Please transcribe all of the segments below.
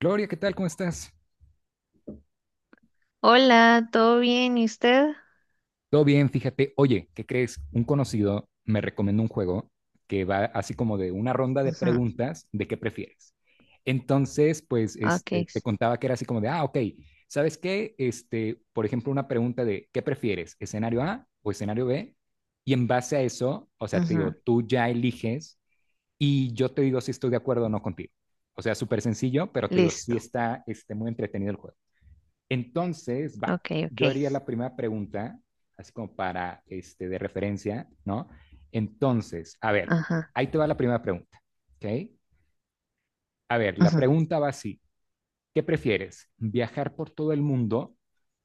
Gloria, ¿qué tal? ¿Cómo estás? Hola, ¿todo bien? ¿Y usted? Todo bien, fíjate. Oye, ¿qué crees? Un conocido me recomendó un juego que va así como de una ronda de Ujú. preguntas de qué prefieres. Entonces, pues, Ok, te contaba que era así como de, ok, ¿sabes qué? Por ejemplo, una pregunta de ¿qué prefieres? ¿Escenario A o escenario B? Y en base a eso, o sea, te digo, ujú, tú ya eliges y yo te digo si estoy de acuerdo o no contigo. O sea, súper sencillo, pero te digo, sí listo. está, muy entretenido el juego. Entonces, va, Ok, ok. yo haría la primera pregunta, así como para, de referencia, ¿no? Entonces, a ver, Ajá, ahí te va la primera pregunta, ¿ok? A ver, la ujú. pregunta va así, ¿qué prefieres? ¿Viajar por todo el mundo,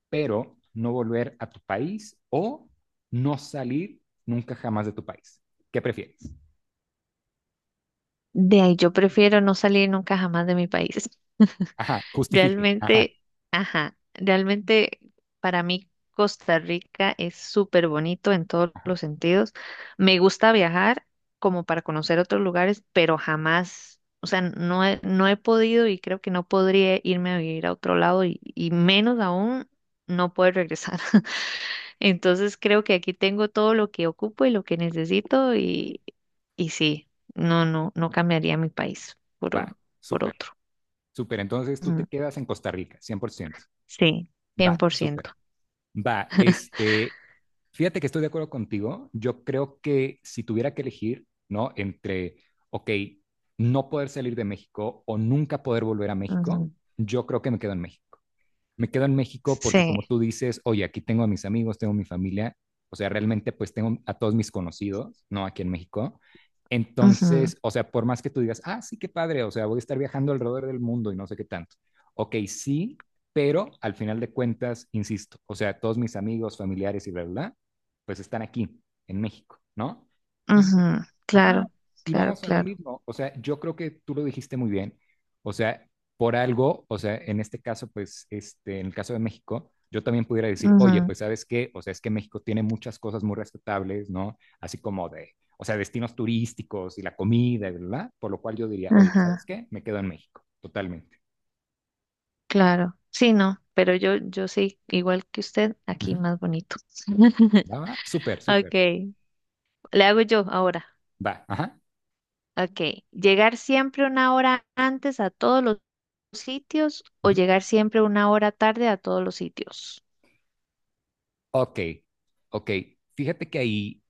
pero no volver a tu país o no salir nunca jamás de tu país? ¿Qué prefieres? De ahí yo prefiero no salir nunca jamás de mi país. Ajá, justifique, ajá, Realmente, ajá, realmente para mí Costa Rica es súper bonito en todos ajá, los sentidos. Me gusta viajar como para conocer otros lugares, pero jamás, o sea, no he podido y creo que no podría irme a vivir a otro lado y menos aún no poder regresar. Entonces creo que aquí tengo todo lo que ocupo y lo que necesito y sí, no cambiaría mi país por, va, o- por súper, otro. súper. Entonces tú te Ujú. quedas en Costa Rica, 100%. Sí, Va, súper. 100%. Va, fíjate que estoy de acuerdo contigo. Yo creo que si tuviera que elegir, ¿no? Entre, ok, no poder salir de México o nunca poder volver a México, Ujú. yo creo que me quedo en México porque Sí, como tú dices, oye, aquí tengo a mis amigos, tengo a mi familia, o sea, realmente pues tengo a todos mis conocidos, ¿no? Aquí en México. ujú, Entonces, o sea, por más que tú digas, ah, sí, qué padre, o sea, voy a estar viajando alrededor del mundo y no sé qué tanto. Ok, sí, pero al final de cuentas, insisto, o sea, todos mis amigos, familiares y bla, bla, bla, pues están aquí, en México, ¿no? Y ujú. Ajá, Claro, y claro, vamos a lo claro. mismo. O sea, yo creo que tú lo dijiste muy bien. O sea, por algo, o sea, en este caso, pues, en el caso de México, yo también pudiera decir, oye, Ujú. pues, ¿sabes qué? O sea, es que México tiene muchas cosas muy respetables, ¿no? Así como de, o sea, destinos turísticos y la comida, ¿verdad? Por lo cual yo diría, oye, ¿sabes Ajá, qué? Me quedo en México, totalmente. claro. Sí, no, pero yo sí, igual que usted, aquí Ujú. más bonito. Va, va, súper, súper. Ok, le hago yo ahora. Va, ajá. Ok, llegar siempre una hora antes a todos los sitios o Ujú. llegar siempre una hora tarde a todos los sitios. Ok, ok. Fíjate que ahí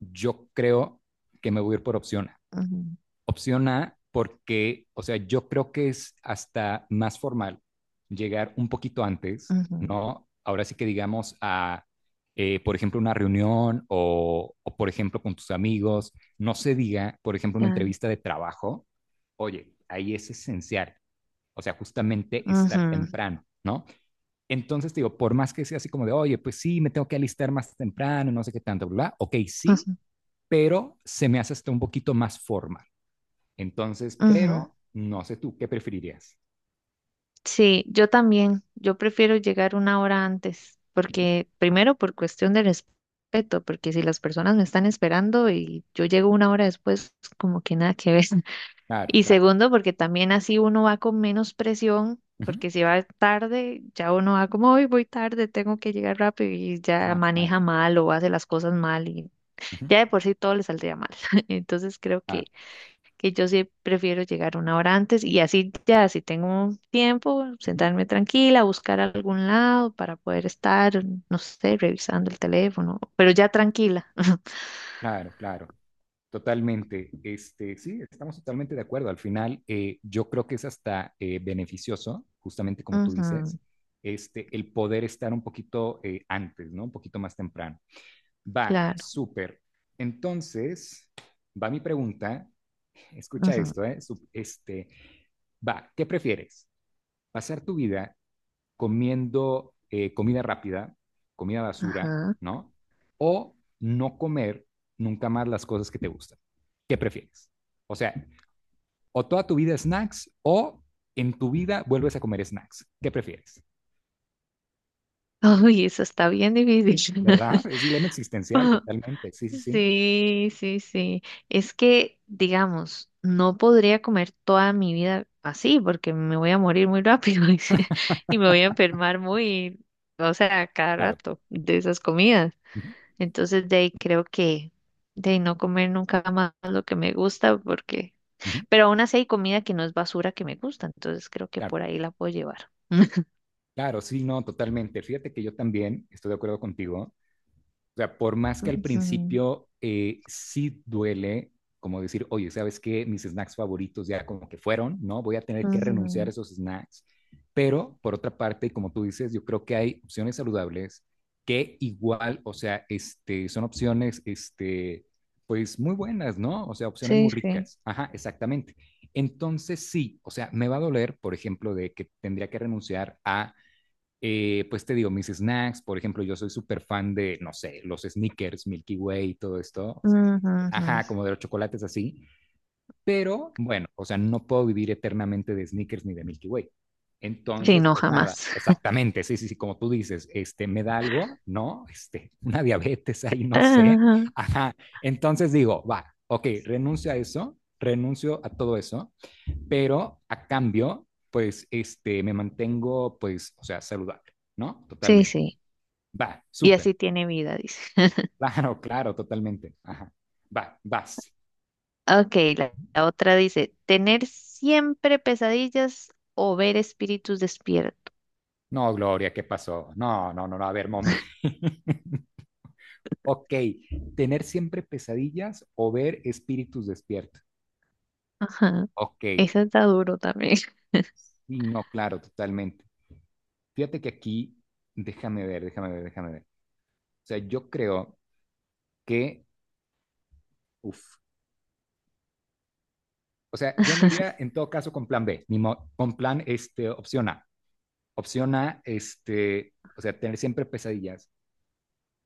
yo creo que me voy a ir por opción Ujú, Opción A, porque, o sea, yo creo que es hasta más formal llegar un poquito antes, ujú. ¿no? Ahora sí que digamos a, por ejemplo, una reunión o, por ejemplo, con tus amigos, no se diga, por ejemplo, una Claro. entrevista de trabajo, oye, ahí es esencial, o sea, justamente estar Ujú, temprano, ¿no? Entonces, digo, por más que sea así como de, oye, pues sí, me tengo que alistar más temprano, no sé qué tanto, bla, bla, ok, sí, ujú, pero se me hace hasta un poquito más formal. Entonces, ujú. pero no sé tú, ¿qué preferirías? Sí, yo también. Yo prefiero llegar una hora antes, porque primero por cuestión de respeto, porque si las personas me están esperando y yo llego una hora después, como que nada que ver. Claro, Y claro. segundo, porque también así uno va con menos presión, Ujú, porque si va tarde, ya uno va como, hoy voy tarde, tengo que llegar rápido y ya claro, claro. maneja mal o hace las cosas mal y Ujú, ya de por sí todo le saldría mal. Entonces creo que, claro, que yo sí prefiero llegar una hora antes y así ya, si tengo tiempo, ujú, sentarme tranquila, buscar algún lado para poder estar, no sé, revisando el teléfono, pero ya tranquila. claro, claro. Totalmente. Sí, estamos totalmente de acuerdo. Al final, yo creo que es hasta beneficioso, justamente como tú Ujú, dices, el poder estar un poquito antes, ¿no? Un poquito más temprano. Va, claro. súper. Entonces, va mi pregunta. Escucha Ujú, esto, ¿eh? Va, ¿qué prefieres? ¿Pasar tu vida comiendo comida rápida, comida basura, ajá. ¿no? O no comer nunca más las cosas que te gustan. ¿Qué prefieres? O sea, o toda tu vida snacks o en tu vida vuelves a comer snacks. ¿Qué prefieres? Uy, eso está bien difícil. ¿Verdad? Es dilema existencial totalmente. Sí, sí, sí. Sí, sí, sí. Es que, digamos, no podría comer toda mi vida así porque me voy a morir muy rápido y, se- y me voy a enfermar muy, o sea, cada Claro. rato de esas comidas. Ujú, Entonces, de ahí creo que de no comer nunca más lo que me gusta porque, ujú, pero aún así hay comida que no es basura que me gusta, entonces creo que claro, por ahí la puedo llevar. claro, sí, no, totalmente. Fíjate que yo también estoy de acuerdo contigo. O sea, por más que al Ujú, principio sí duele, como decir, oye, ¿sabes qué? Mis snacks favoritos ya como que fueron, ¿no? Voy a tener que renunciar a ujú. esos snacks. Pero por otra parte, como tú dices, yo creo que hay opciones saludables que igual, o sea, son opciones, pues muy buenas, ¿no? O sea, opciones muy Sí, sí. ricas. Ajá, exactamente. Entonces sí, o sea, me va a doler, por ejemplo, de que tendría que renunciar a pues te digo, mis snacks, por ejemplo, yo soy súper fan de, no sé, los Snickers Milky Way, todo esto, o sea, Ujú, ajá, ujú. como de los chocolates así, pero bueno, o sea, no puedo vivir eternamente de Snickers ni de Milky Way. Sí, Entonces, no, pues nada, jamás. exactamente, sí, sí, sí, como tú dices, me da algo, ¿no? Una diabetes ahí, no sé. Ajá, entonces digo, va, ok, renuncio a eso, renuncio a todo eso pero a cambio, pues, me mantengo, pues, o sea, saludable, ¿no? Sí, Totalmente. sí. Va, Y súper. así tiene vida, dice. Claro, claro, totalmente. Ajá. Va, vas. Ok, la otra dice, tener siempre pesadillas o ver espíritus despierto. No, Gloria, ¿qué pasó? No, no, no, no, a ver, momento. Ok, tener siempre pesadillas o ver espíritus despiertos. Ajá. Ok, Eso está duro también. sí, no, claro, totalmente. Fíjate que aquí, déjame ver, déjame ver, déjame ver. O sea, yo creo que, uff, o sea, yo me iría en todo caso con plan B, ni mo- con plan, opción A. Opción A, o sea, tener siempre pesadillas,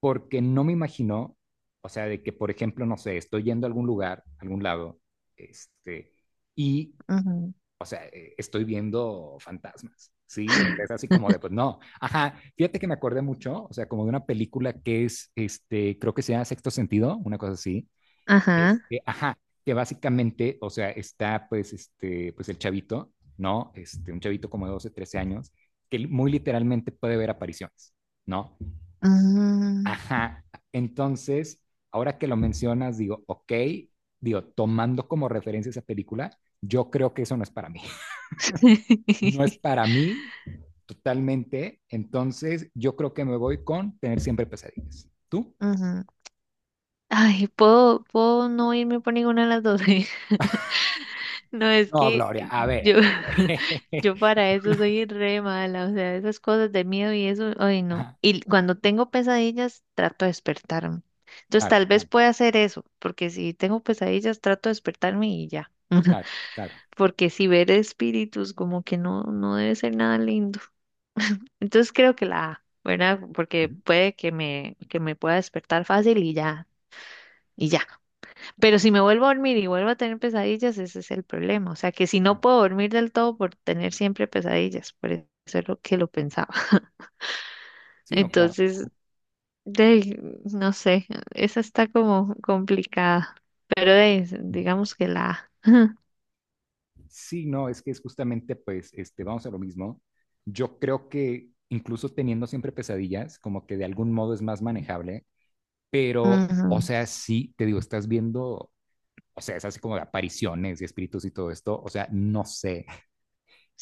porque no me imagino, o sea, de que, por ejemplo, no sé, estoy yendo a algún lugar, a algún lado, este, y, Ujú. o sea, estoy viendo fantasmas, ¿sí? O sea, es así como de, pues no. Ajá, fíjate que me acordé mucho, o sea, como de una película que es, creo que se llama Sexto Sentido, una cosa así, Ajá. Ajá, que básicamente, o sea, está pues pues el chavito, ¿no? Un chavito como de 12, 13 años, que muy literalmente puede ver apariciones, ¿no? Mm. Ajá, entonces, ahora que lo mencionas, digo, ok, digo, tomando como referencia esa película, yo creo que eso no es para mí. No es para mí totalmente, entonces yo creo que me voy con tener siempre pesadillas. ¿Tú? Ujú. Ay, ¿puedo no irme por ninguna de las dos? No, es No, que Gloria, a ver, yo, a ver. yo para eso soy re mala, o sea, esas cosas de miedo y eso, ay no. Ajá, Y cuando tengo pesadillas, trato de despertarme. Entonces claro, tal vez claro, pueda hacer eso, porque si tengo pesadillas, trato de despertarme y ya. claro, claro. Porque si ver espíritus, como que no, no debe ser nada lindo. Entonces creo que la A, ¿verdad? Porque puede que me pueda despertar fácil y ya, y ya. Pero si me vuelvo a dormir y vuelvo a tener pesadillas, ese es el problema. O sea, que si no Claro. puedo dormir del todo por tener siempre pesadillas, por eso es lo que lo pensaba. Sí, no, claro. Entonces, de, ahí, no sé, esa está como complicada. Pero de ahí, Ujú. digamos que la... Sí, no, es que es justamente, pues, vamos a lo mismo. Yo creo que incluso teniendo siempre pesadillas, como que de algún modo es más manejable, pero, o Ujú. sea, sí, te digo, estás viendo, o sea, es así como de apariciones y espíritus y todo esto, o sea, no sé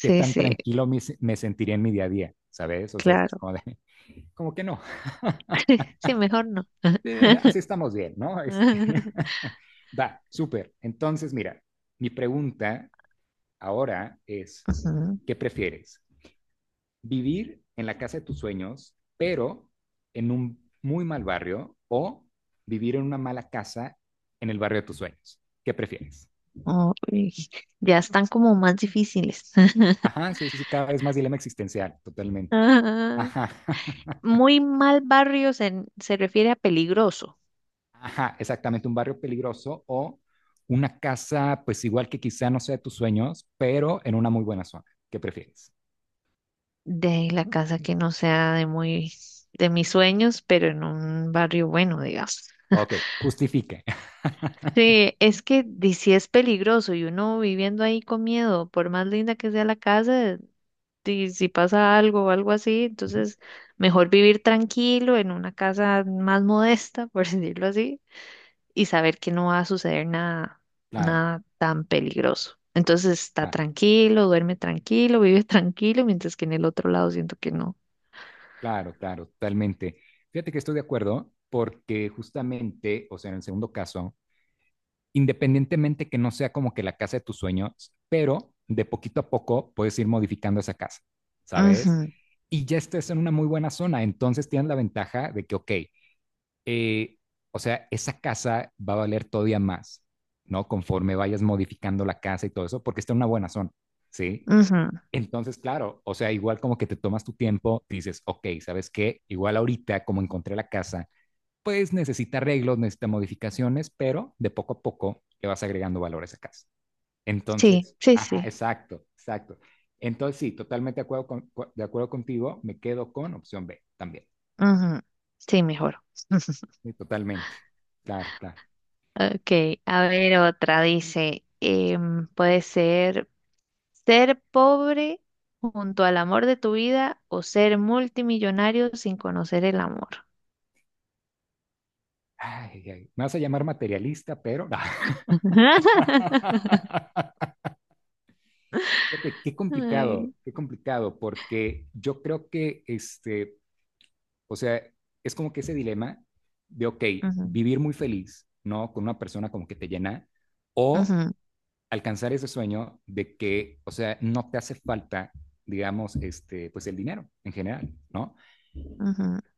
qué tan sí, tranquilo me sentiría en mi día a día, ¿sabes? O sea, es claro. como de, como que no, Sí, mejor no. Así estamos bien, ¿no? Va, súper. Entonces, mira, mi pregunta ahora es, Ujú. ¿qué prefieres? ¿Vivir en la casa de tus sueños, pero en un muy mal barrio o vivir en una mala casa en el barrio de tus sueños? ¿Qué prefieres? Uy, ya están como más difíciles. Ajá, sí, sí, sí, cada vez más dilema existencial, totalmente. Ah, Ajá, muy mal barrio se refiere a peligroso. ajá, exactamente, un barrio peligroso o una casa, pues igual que quizá no sea de tus sueños, pero en una muy buena zona. ¿Qué prefieres? De ahí la casa que no sea de mis sueños, pero en un barrio bueno, digamos. Ok, justifique. Sí, es que di- sí es peligroso y uno viviendo ahí con miedo, por más linda que sea la casa, di- si pasa algo o algo así, Ujú, entonces mejor vivir tranquilo en una casa más modesta, por decirlo así, y saber que no va a suceder nada, claro, nada tan peligroso. Entonces está claro. tranquilo, duerme tranquilo, vive tranquilo, mientras que en el otro lado siento que no. Claro, claro, totalmente. Fíjate que estoy de acuerdo porque justamente, o sea, en el segundo caso, independientemente que no sea como que la casa de tus sueños, pero de poquito a poco puedes ir modificando esa casa, ¿sabes? Ujú, Y ya estás en una muy buena zona, entonces tienes la ventaja de que, ok, eh, o sea, esa casa va a valer todavía más, ¿no? Conforme vayas modificando la casa y todo eso, porque está en una buena zona, ¿sí? ujú. Entonces, claro, o sea, igual como que te tomas tu tiempo, dices, ok, ¿sabes qué? Igual ahorita, como encontré la casa, pues necesita arreglos, necesita modificaciones, pero de poco a poco le vas agregando valor a esa casa. Sí, Entonces, sí, ajá, sí. exacto, exacto. Entonces, sí, totalmente de acuerdo, de acuerdo contigo, me quedo con opción B también. Ujú. Sí, mejor. Sí, totalmente. Claro, claro. Ok, a ver otra. Dice, em, puede ser pobre junto al amor de tu vida o ser multimillonario sin conocer el amor. Ay, ay, me vas a llamar materialista, pero... Fíjate, qué complicado, Ay. qué complicado, porque yo creo que o sea, es como que ese dilema de, ok, Ujú, vivir muy feliz, ¿no? Con una persona como que te llena, o alcanzar ese sueño de que, o sea, no te hace falta, digamos, pues el dinero en general, ¿no? ujú, ujú.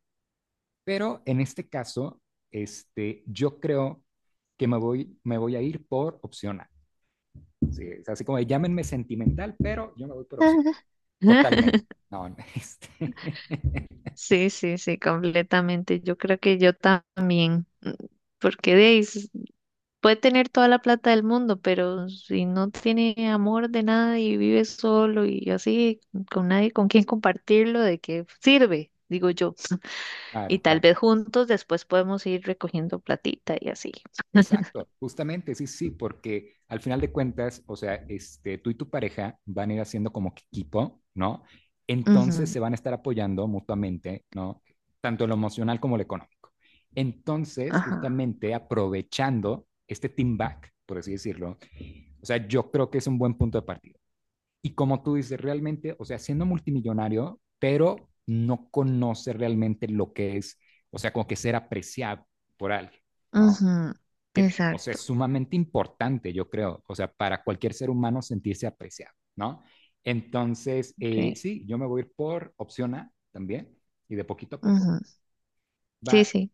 Pero en este caso, yo creo que me voy a ir por opción A. Sí, es así como de, llámenme sentimental, pero yo me voy por opción A. Totalmente. No, este... Sí, sí, sí, completamente. Yo creo que yo también, mm, porque de ahí s- Puede tener toda la plata del mundo, pero si no tiene amor de nada y vive solo y así, con nadie con quien compartirlo, ¿de qué sirve? Digo yo. claro, Y tal claro. vez juntos después podemos ir recogiendo platita y así. Exacto, justamente, sí, sí, porque al final de cuentas, o sea, tú y tu pareja van a ir haciendo como que equipo, ¿no? Entonces Ujú, se van a estar apoyando mutuamente, ¿no? Tanto en lo emocional como en lo económico. Entonces, ajá. justamente aprovechando este team back, por así decirlo, o sea, yo creo que es un buen punto de partida. Y como tú dices, realmente, o sea, siendo multimillonario, pero no conoce realmente lo que es, o sea, como que ser apreciado por alguien, ¿no? Ujú, Que, o sea, exacto. es sumamente importante, yo creo, o sea, para cualquier ser humano sentirse apreciado, ¿no? Entonces, Sí. sí, yo me voy a ir por opción A también, y de poquito a poco. Ujú. Sí, Va, sí.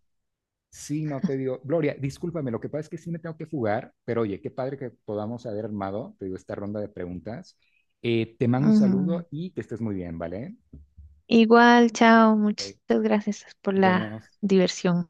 sí, no te digo, Gloria, discúlpame, lo que pasa es que sí me tengo que fugar, pero oye, qué padre que podamos haber armado, te digo, esta ronda de preguntas. Te mando un Ujú. saludo y que estés muy bien, ¿vale? Igual, chao. Muchas Ok, gracias por nos la vemos. diversión.